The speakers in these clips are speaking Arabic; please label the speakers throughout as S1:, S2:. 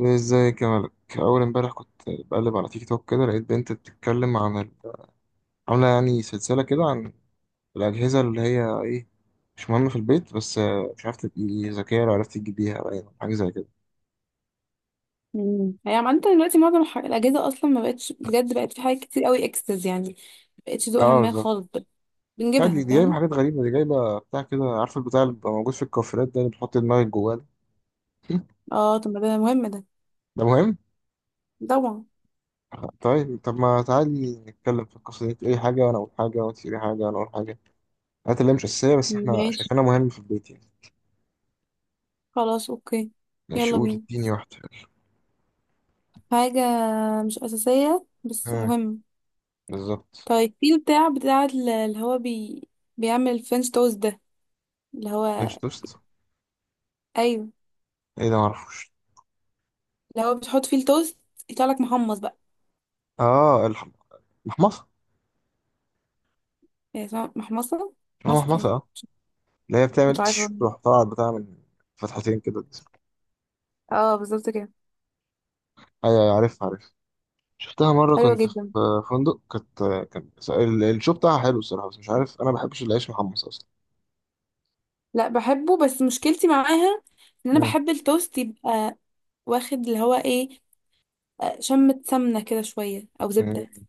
S1: ازيك يا ملك. اول امبارح كنت بقلب على تيك توك كده، لقيت بنت بتتكلم عن عامله يعني سلسله كده عن الاجهزه اللي هي ايه، مش مهمه في البيت. بس مش عارف، تبقي ذكيه لو عرفت تجيبيها، باين حاجه زي كده.
S2: يعني عامة دلوقتي معظم الأجهزة أصلا ما بقتش، بجد بقت في حاجات كتير قوي إكسس يعني، ما بقتش ذوقها
S1: اه
S2: ما
S1: بالظبط.
S2: خالص بقى.
S1: لا، دي
S2: بنجيبها،
S1: دي جايبه
S2: فاهم؟
S1: حاجات غريبه، دي جايبه بتاع كده، عارف البتاع اللي بيبقى موجود في الكوافيرات ده، اللي بتحط دماغك جواه ده؟
S2: اه طب ما ده مهم ده،
S1: ده مهم.
S2: طبعا.
S1: طيب طب ما تعالي نتكلم في القصه دي، تقولي حاجه وانا اقول حاجه، وانت تقولي حاجه وانا اقول حاجه، الحاجات اللي هي مش اساسيه بس احنا
S2: ماشي،
S1: شايفينها مهمه في البيت يعني.
S2: خلاص أوكي.
S1: ماشي،
S2: يلا
S1: قولي
S2: بينا.
S1: اديني واحده.
S2: حاجة مش أساسية بس مهم.
S1: بالظبط.
S2: طيب في بتاع بيعمل الفرنش توست ده، اللي هو.
S1: فينش توست؟
S2: أيوه،
S1: ايه ده معرفوش.
S2: اللي هو بتحط فيه التوست يطلع لك محمص بقى،
S1: اه الح- المحمصه.
S2: يعني اسمها محمصة.
S1: اسمها
S2: محمصة
S1: محمصه
S2: ايه؟
S1: اه. اللي هي بتعمل
S2: مش عارفة.
S1: تش، تروح طالعة بتاع من فتحتين كده الجسم.
S2: اه بالظبط كده.
S1: ايوه أيوة، عارف عارف. شفتها مرة
S2: حلوة
S1: كنت في
S2: جدا.
S1: فندق، كانت كان الشو بتاعها حلو الصراحة، بس مش عارف، أنا ما بحبش العيش محمص أصلا.
S2: لا بحبه، بس مشكلتي معاها ان انا
S1: مم.
S2: بحب التوست يبقى واخد اللي هو ايه، شمة سمنة كده شوية او زبدة.
S1: مم.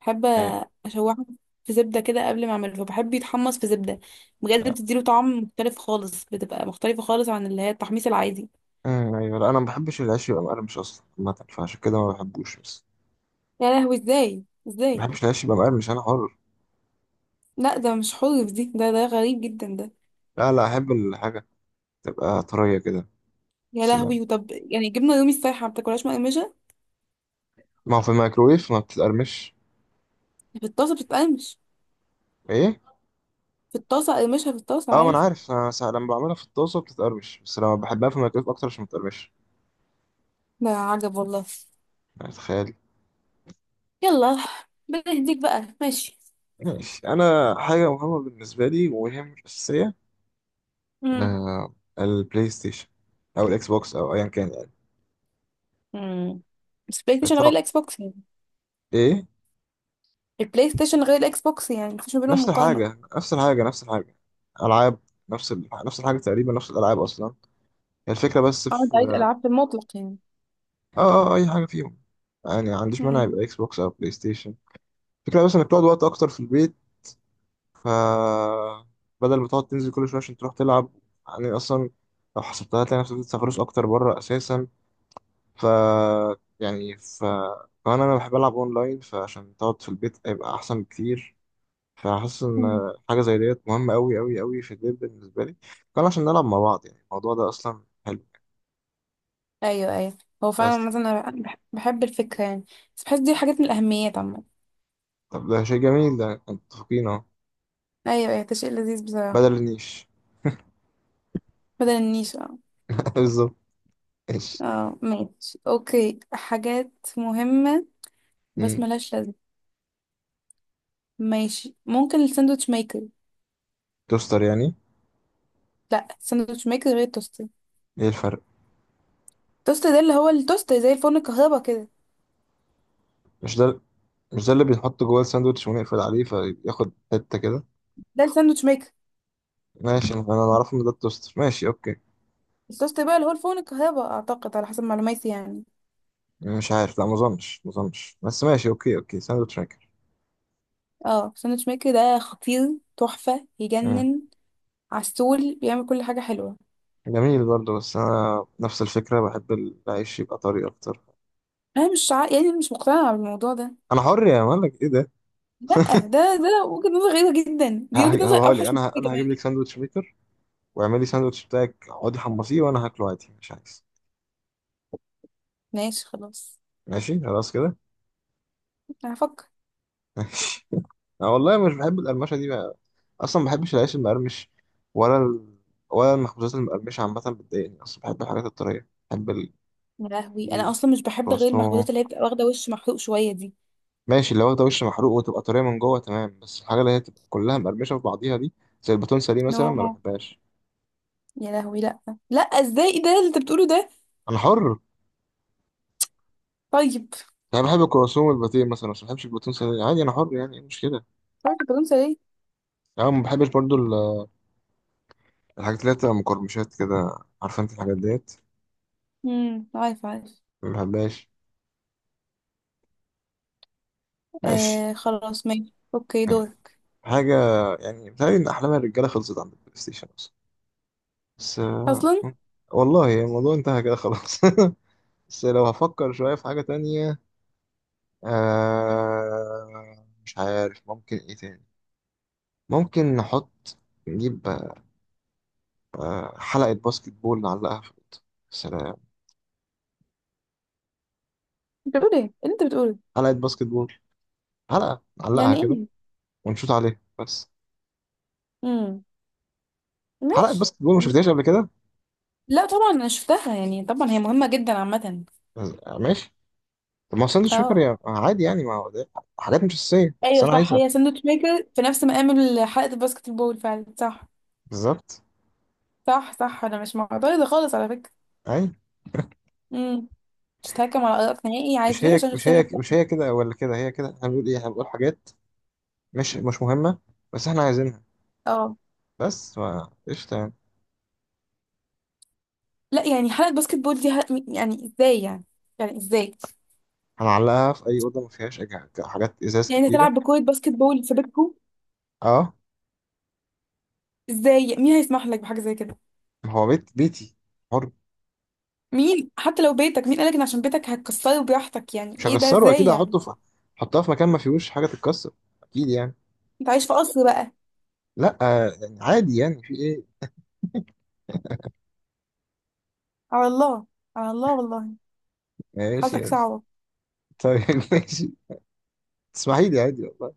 S2: بحب
S1: أيوة
S2: اشوحه في زبدة كده قبل ما اعمله، فبحب يتحمص في زبدة. بجد
S1: لا.
S2: بتديله طعم مختلف خالص، بتبقى مختلفة خالص عن اللي هي التحميص العادي.
S1: مم. أيوة، لا، أنا ما بحبش العيش يبقى مقرمش أصلا عامة، فعشان كده ما بحبوش. بس
S2: يا لهوي، ازاي
S1: ما
S2: ازاي؟
S1: بحبش العيش يبقى مقرمش، أنا حر.
S2: لا ده مش حلو، دي ده ده غريب جدا ده.
S1: لا لا، أحب الحاجة تبقى طرية كده.
S2: يا
S1: سلام.
S2: لهوي، وطب يعني جبنة رومي السايحة ما بتاكلهاش مقرمشة؟
S1: ما هو في الميكروويف ما بتتقرمش.
S2: في الطاسة بتتقرمش.
S1: إيه؟
S2: في الطاسة اقرمشها، في الطاسة
S1: اه ما انا
S2: عادي.
S1: عارف، انا ساعة لما بعملها في الطاسه بتتقرمش، بس لما بحبها في الميكرويف اكتر عشان ما تتقرمش.
S2: ده عجب والله.
S1: يعني تخيل.
S2: يلا، بنهديك بقى؟ ماشي.
S1: ماشي. انا حاجه مهمه بالنسبه لي وهي مش اساسيه،
S2: امم.
S1: البلاي ستيشن، او الاكس بوكس او ايا كان يعني.
S2: امم، بس بلاي ستيشن غير
S1: طب
S2: الاكس بوكس يعني.
S1: ايه.
S2: البلاي ستيشن غير الاكس بوكس يعني، مفيش ما بينهم
S1: نفس
S2: مقارنة.
S1: الحاجه نفس الحاجه نفس الحاجه، العاب، نفس الحاجه تقريبا، نفس الالعاب اصلا، هي الفكره. بس
S2: اه انت عايز
S1: في
S2: العاب في المطلق يعني.
S1: اي حاجه فيهم يعني، ما عنديش مانع
S2: امم.
S1: يبقى اكس بوكس او بلاي ستيشن. الفكره بس انك تقعد وقت اكتر في البيت، ف بدل ما تقعد تنزل كل شويه عشان تروح تلعب، يعني اصلا لو حسبتها هتلاقي نفسك بتسافروش اكتر بره اساسا، ف يعني، كمان انا بحب العب اونلاين، فعشان تقعد في البيت هيبقى احسن بكتير. فحاسس
S2: أمم.
S1: ان حاجه زي ديت مهمه قوي قوي قوي في البيت بالنسبه لي، كان عشان نلعب مع بعض، يعني الموضوع ده اصلا حلو.
S2: ايوه ايوه، هو فعلا
S1: بس
S2: مثلا انا بحب الفكرة يعني، بس بحس دي حاجات من الاهميات عامة.
S1: طب ده شيء جميل، ده متفقين اهو.
S2: ايوه ايوه، ده شيء لذيذ بصراحة.
S1: بدل النيش.
S2: بدل النيش؟ اه.
S1: بالظبط. ايش.
S2: اه ماشي اوكي، حاجات مهمة بس
S1: مم.
S2: ملهاش لازمة. ماشي، ممكن الساندوتش ميكر.
S1: توستر يعني.
S2: لا، الساندوتش ميكر غير التوستر.
S1: ايه الفرق؟
S2: التوستر ده اللي هو التوستر زي الفرن الكهرباء كده.
S1: مش ده. مش ده اللي بيتحط جوه الساندوتش ونقفل عليه فياخد حتة كده؟
S2: ده الساندوتش ميكر.
S1: ماشي، أنا اعرفه ان ده التوستر، ماشي اوكي.
S2: الصوص بقى اللي هو الفول الكهرباء اعتقد، على حسب معلوماتي يعني.
S1: مش عارف، لا، ما اظنش ما اظنش، بس ماشي اوكي اوكي، ساندوتش ميكر.
S2: اه ساندوتش ميكر ده خطير، تحفة،
S1: مم.
S2: يجنن. عسول، بيعمل كل حاجة حلوة.
S1: جميل برضه، بس انا نفس الفكرة، بحب العيش يبقى طري اكتر.
S2: انا مش عا... يعني مش مقتنعة بالموضوع ده.
S1: انا حر يا مالك، ايه ده.
S2: لا ده وجهة نظر غريبة جدا، دي وجهة نظر
S1: هقول لك،
S2: اوحش من
S1: انا
S2: كده
S1: انا هجيب لك
S2: كمان.
S1: ساندوتش ميكر، واعملي ساندوتش بتاعك، اقعدي حمصيه وانا هاكله عادي مش عايز.
S2: ماشي خلاص.
S1: ماشي خلاص كده.
S2: انا هفكر.
S1: ماشي. انا والله مش بحب القرمشة دي، اصلا ما بحبش العيش المقرمش، ولا ال... ولا المخبوزات المقرمشه عامه بتضايقني اصلا، بحب الحاجات الطريه، بحب
S2: يا لهوي، انا اصلا مش بحب غير
S1: الكرواسون.
S2: المخبوزات اللي هي بتبقى واخدة وش محروق شوية دي.
S1: ماشي، اللي واخده وش محروق وتبقى طريه من جوه تمام، بس الحاجه اللي هي تبقى كلها مقرمشه في بعضيها دي، زي الباتونسه دي
S2: نو،
S1: مثلا ما بحبهاش.
S2: يا لهوي لا. لا، ازاي؟ إيه ده اللي انت بتقوله ده؟
S1: انا حر
S2: طيب.
S1: يعني، بحب الكرواسون والباتيه مثلا، بس ما بحبش الباتونسه دي عادي، انا حر يعني، ايه المشكله.
S2: عارف انت ليه؟
S1: يعني ما بحبش برضو الحاجات اللي هي بتبقى مقرمشات كده، عارفه انت الحاجات ديت،
S2: امم، عارف عارف.
S1: ما بحبهاش. ماشي
S2: خلاص ماشي اوكي،
S1: ماشي.
S2: دورك.
S1: حاجه، يعني بتهيألي ان احلام الرجاله خلصت عند البلاي ستيشن أصلاً. بس
S2: اصلا.
S1: والله يعني الموضوع انتهى كده خلاص. بس لو هفكر شوية في حاجة تانية، مش عارف ممكن ايه تاني، ممكن نحط، نجيب حلقة باسكت بول نعلقها في الأوضة. سلام.
S2: انت بتقول ايه اللي انت بتقوله؟
S1: حلقة باسكت بول، حلقة نعلقها
S2: يعني
S1: كده
S2: ايه؟
S1: ونشوط عليها بس.
S2: امم.
S1: حلقة
S2: ماشي.
S1: باسكت بول ما شفتهاش قبل كده؟
S2: لا طبعا انا شفتها، يعني طبعا هي مهمة جدا عامة.
S1: ماشي. طب ما هو ساندوتش ميكر
S2: اه.
S1: عادي يعني، ما هو ده حاجات مش أساسية بس
S2: ايوه
S1: أنا
S2: صح،
S1: عايزها.
S2: هي ساندوتش ميكر في نفس مقام حلقة الباسكت بول، فعلا صح.
S1: بالظبط.
S2: صح صح، انا مش معترضة خالص على فكرة.
S1: أي.
S2: امم. مش هتهكم على ارائك نهائي، عارف
S1: مش
S2: ليه؟
S1: هي
S2: عشان
S1: مش
S2: شخصية
S1: هي مش
S2: مختلفة.
S1: هي كده ولا كده، هي كده، احنا بنقول ايه؟ احنا بنقول حاجات مش مهمة بس احنا عايزينها.
S2: اه.
S1: بس ف- قشطة يعني.
S2: لا يعني حلقة باسكت بول دي يعني ازاي يعني؟ يعني ازاي؟
S1: هنعلقها في أي أوضة ما فيهاش حاجات إزاز
S2: يعني
S1: كتيرة.
S2: تلعب بكرة باسكت بول في بيتكم؟
S1: اه
S2: ازاي؟ مين هيسمح لك بحاجة زي كده؟
S1: ما هو بيت بيتي، حر.
S2: مين؟ حتى لو بيتك، مين قالك ان عشان بيتك هتكسره براحتك؟ يعني
S1: مش
S2: ايه ده؟
S1: هكسره أكيد،
S2: ازاي يعني؟
S1: هحطه في، هحطها في مكان ما فيهوش حاجة تتكسر، أكيد يعني.
S2: انت عايش في قصر بقى؟
S1: لأ يعني عادي يعني في إيه.
S2: على الله. على الله والله.
S1: ماشي
S2: حالتك
S1: ماشي.
S2: صعبة.
S1: طيب ماشي، تسمحي لي عادي والله.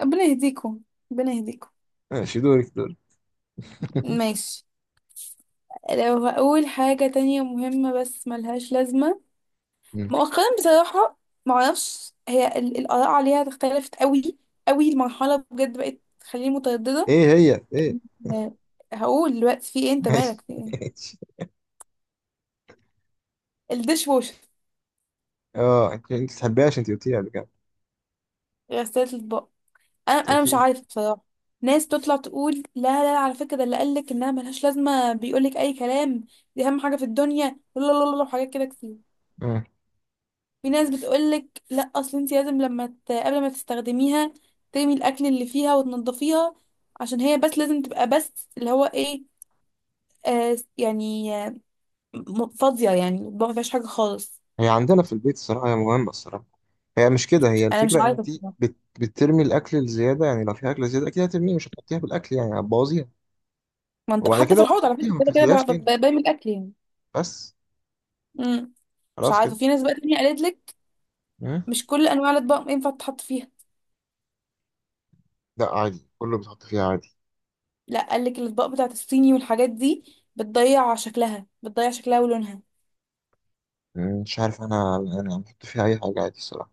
S2: ربنا يهديكم، ربنا يهديكم.
S1: ماشي، دورك دورك.
S2: ماشي. لو هقول حاجة تانية مهمة بس ملهاش لازمة.
S1: مم.
S2: مؤخرا بصراحة، معرفش هي الآراء عليها اختلفت قوي قوي. المرحلة بجد بقت تخليني مترددة.
S1: إيه هي إيه؟
S2: آه، هقول دلوقتي في ايه، انت
S1: ماشي
S2: مالك في ايه.
S1: ماشي.
S2: الديش واشر،
S1: اه، أنت بتحبيهاش، أنت قلتيها قبل كده،
S2: غسالة الأطباق. انا
S1: أنت
S2: انا مش
S1: قلتي.
S2: عارفه بصراحه. ناس تطلع تقول لا لا، على فكره ده اللي قالك انها ملهاش لازمه بيقولك اي كلام، دي اهم حاجه في الدنيا، لا لا لا لا، وحاجات كده كتير.
S1: آه.
S2: في ناس بتقولك لا اصل انت لازم لما قبل ما تستخدميها ترمي الاكل اللي فيها وتنضفيها، عشان هي بس لازم تبقى بس اللي هو ايه، آه يعني آه، فاضيه، يعني ما فيهاش حاجه خالص.
S1: هي عندنا في البيت الصراحة هي مهمة الصراحة، هي مش كده، هي
S2: انا مش
S1: الفكرة
S2: عارفه
S1: انت
S2: بصراحة.
S1: بترمي الاكل الزيادة، يعني لو في اكل زيادة اكيد هترميه، مش هتحطيها في الاكل يعني هتبوظيها.
S2: ما انت
S1: وبعد
S2: حتى
S1: كده
S2: في
S1: بقى
S2: الحوض على
S1: بتحطيها،
S2: فكره
S1: ما
S2: كده كده
S1: بتغسليهاش تاني،
S2: برمي الاكل يعني.
S1: بس
S2: مم. مش
S1: خلاص
S2: عارفه،
S1: كده.
S2: في ناس بقى تانية قالت لك
S1: مم.
S2: مش كل انواع الاطباق ينفع تتحط فيها.
S1: لا عادي، كله بتحط فيها عادي.
S2: لا قال لك الاطباق بتاعت الصيني والحاجات دي بتضيع شكلها، بتضيع شكلها ولونها.
S1: مم، مش عارف، انا بحط فيها اي حاجة عادي الصراحة.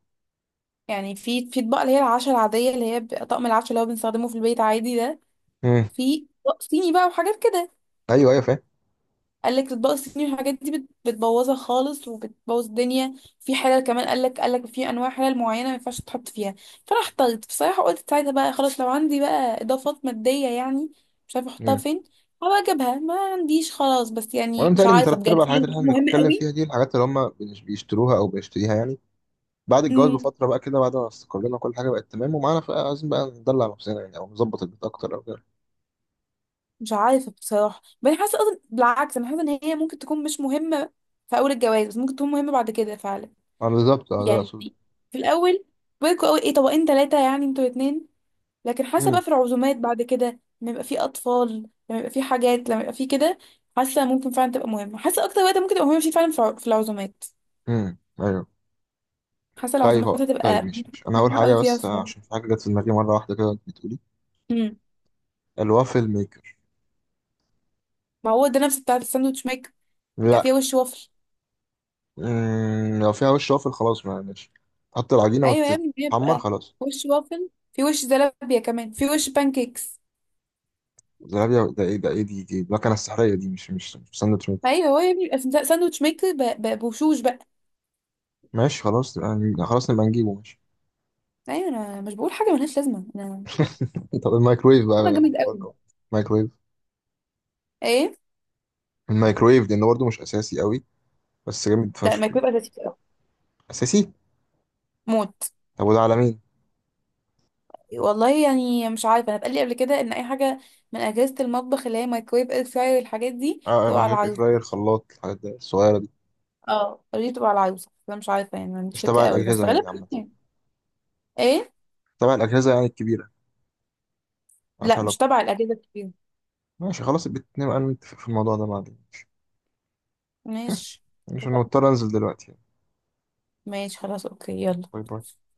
S2: يعني في اطباق اللي هي العشا العاديه اللي هي بيبقى طقم العشا اللي هو بنستخدمه في البيت عادي ده،
S1: مم.
S2: في اطباق صيني بقى وحاجات كده.
S1: ايوه ايوه فاهم.
S2: قال لك الاطباق الصيني والحاجات دي بتبوظها خالص وبتبوظ الدنيا. في حلل كمان قال لك، قال لك في انواع حلل معينه ما ينفعش تحط فيها. فانا احتجت بصراحه، قلت ساعتها بقى خلاص لو عندي بقى اضافات ماديه يعني، مش عارفه احطها
S1: مم.
S2: فين، هبقى اجيبها. ما عنديش خلاص، بس
S1: وانا
S2: يعني مش
S1: متهيألي ان
S2: عارفه
S1: تلات
S2: بجد
S1: ارباع الحاجات
S2: هي
S1: اللي احنا
S2: مهمه
S1: بنتكلم فيها دي، الحاجات اللي هم بيشتروها او بيشتريها يعني بعد الجواز
S2: قوي.
S1: بفترة بقى كده، بعد ما استقرينا كل حاجة بقت تمام ومعانا، بقى عايزين بقى ندلع نفسنا يعني، او نظبط البيت اكتر او كده.
S2: مش عارفة بصراحة، بس أنا حاسة أصلا بالعكس، أنا حاسة إن هي ممكن تكون مش مهمة في أول الجواز بس، ممكن تكون مهمة بعد كده فعلا.
S1: بالظبط اه، ده اللي
S2: يعني
S1: اقصده.
S2: في الأول بيكوا أوي، إيه، طبقين 3 يعني انتوا الاتنين، لكن حاسة
S1: مم.
S2: بقى في العزومات بعد كده، لما يبقى في أطفال، لما يبقى في حاجات، لما يبقى في كده، حاسة ممكن فعلا تبقى مهمة. حاسة أكتر وقت ممكن تبقى مهمة فيه فعلا في في العزومات.
S1: مم. ايوه.
S2: حاسة
S1: طيب
S2: العزومات
S1: هو، طيب
S2: هتبقى
S1: مش انا اول
S2: مهمة
S1: حاجه،
S2: أوي فيها
S1: بس
S2: فعلا.
S1: عشان في حاجه جت في دماغي مره واحده كده وانت بتقولي،
S2: أمم.
S1: الوافل ميكر.
S2: ما هو ده نفس بتاعة الساندوتش ميك. يبقى
S1: لا.
S2: فيها وش وفل.
S1: لو فيها وش وافل خلاص ما ماشي، تحط العجينه
S2: ايوه يا ابني،
S1: وتتحمر
S2: بيبقى
S1: خلاص.
S2: وش وافل، في وش زلابيا كمان، في وش بانكيكس.
S1: زلابيا ده ايه، ده ايه دي، دي المكنه السحريه دي؟ مش ساندوتش ميكر.
S2: ايوه هو يا ابني بيبقى في ساندوتش ميكر بوشوش بقى.
S1: ماشي خلاص يعني، خلاص نبقى نجيبه، ماشي.
S2: ايوه انا مش بقول حاجه ملهاش لازمه انا.
S1: طب الميكرويف
S2: طبعا
S1: بقى
S2: جامد قوي.
S1: برضه. الميكرويف.
S2: ايه؟
S1: الميكرويف ده انه برضه مش اساسي قوي، بس جامد
S2: لا ما
S1: فشخ يعني.
S2: بيبقى لذيذ قوي،
S1: اساسي.
S2: موت.
S1: طب وده على مين؟
S2: والله يعني مش عارفه، انا اتقال لي قبل كده ان اي حاجه من اجهزه المطبخ اللي هي مايكرويف، اير فراير، الحاجات دي
S1: اه،
S2: تبقى على
S1: ميكرويف، اير
S2: العروسه.
S1: فراير، خلاط، الحاجات دي الصغيره دي،
S2: اه قالوا لي تبقى على العروسه، انا مش عارفه يعني، ما عنديش
S1: مش
S2: فكره
S1: تبع
S2: قوي بس
S1: الاجهزه يعني
S2: غالبا
S1: عامه،
S2: يعني. ايه؟
S1: تبع الاجهزه يعني الكبيره، ملهاش
S2: لا مش
S1: علاقة.
S2: تبع الاجهزه الكبيره.
S1: ماشي خلاص، نبقى نتفق في الموضوع ده بعدين. ماشي.
S2: ماشي،
S1: عشان
S2: اتفقنا.
S1: مضطر انزل دلوقتي.
S2: ماشي خلاص اوكي، يلا.
S1: باي باي.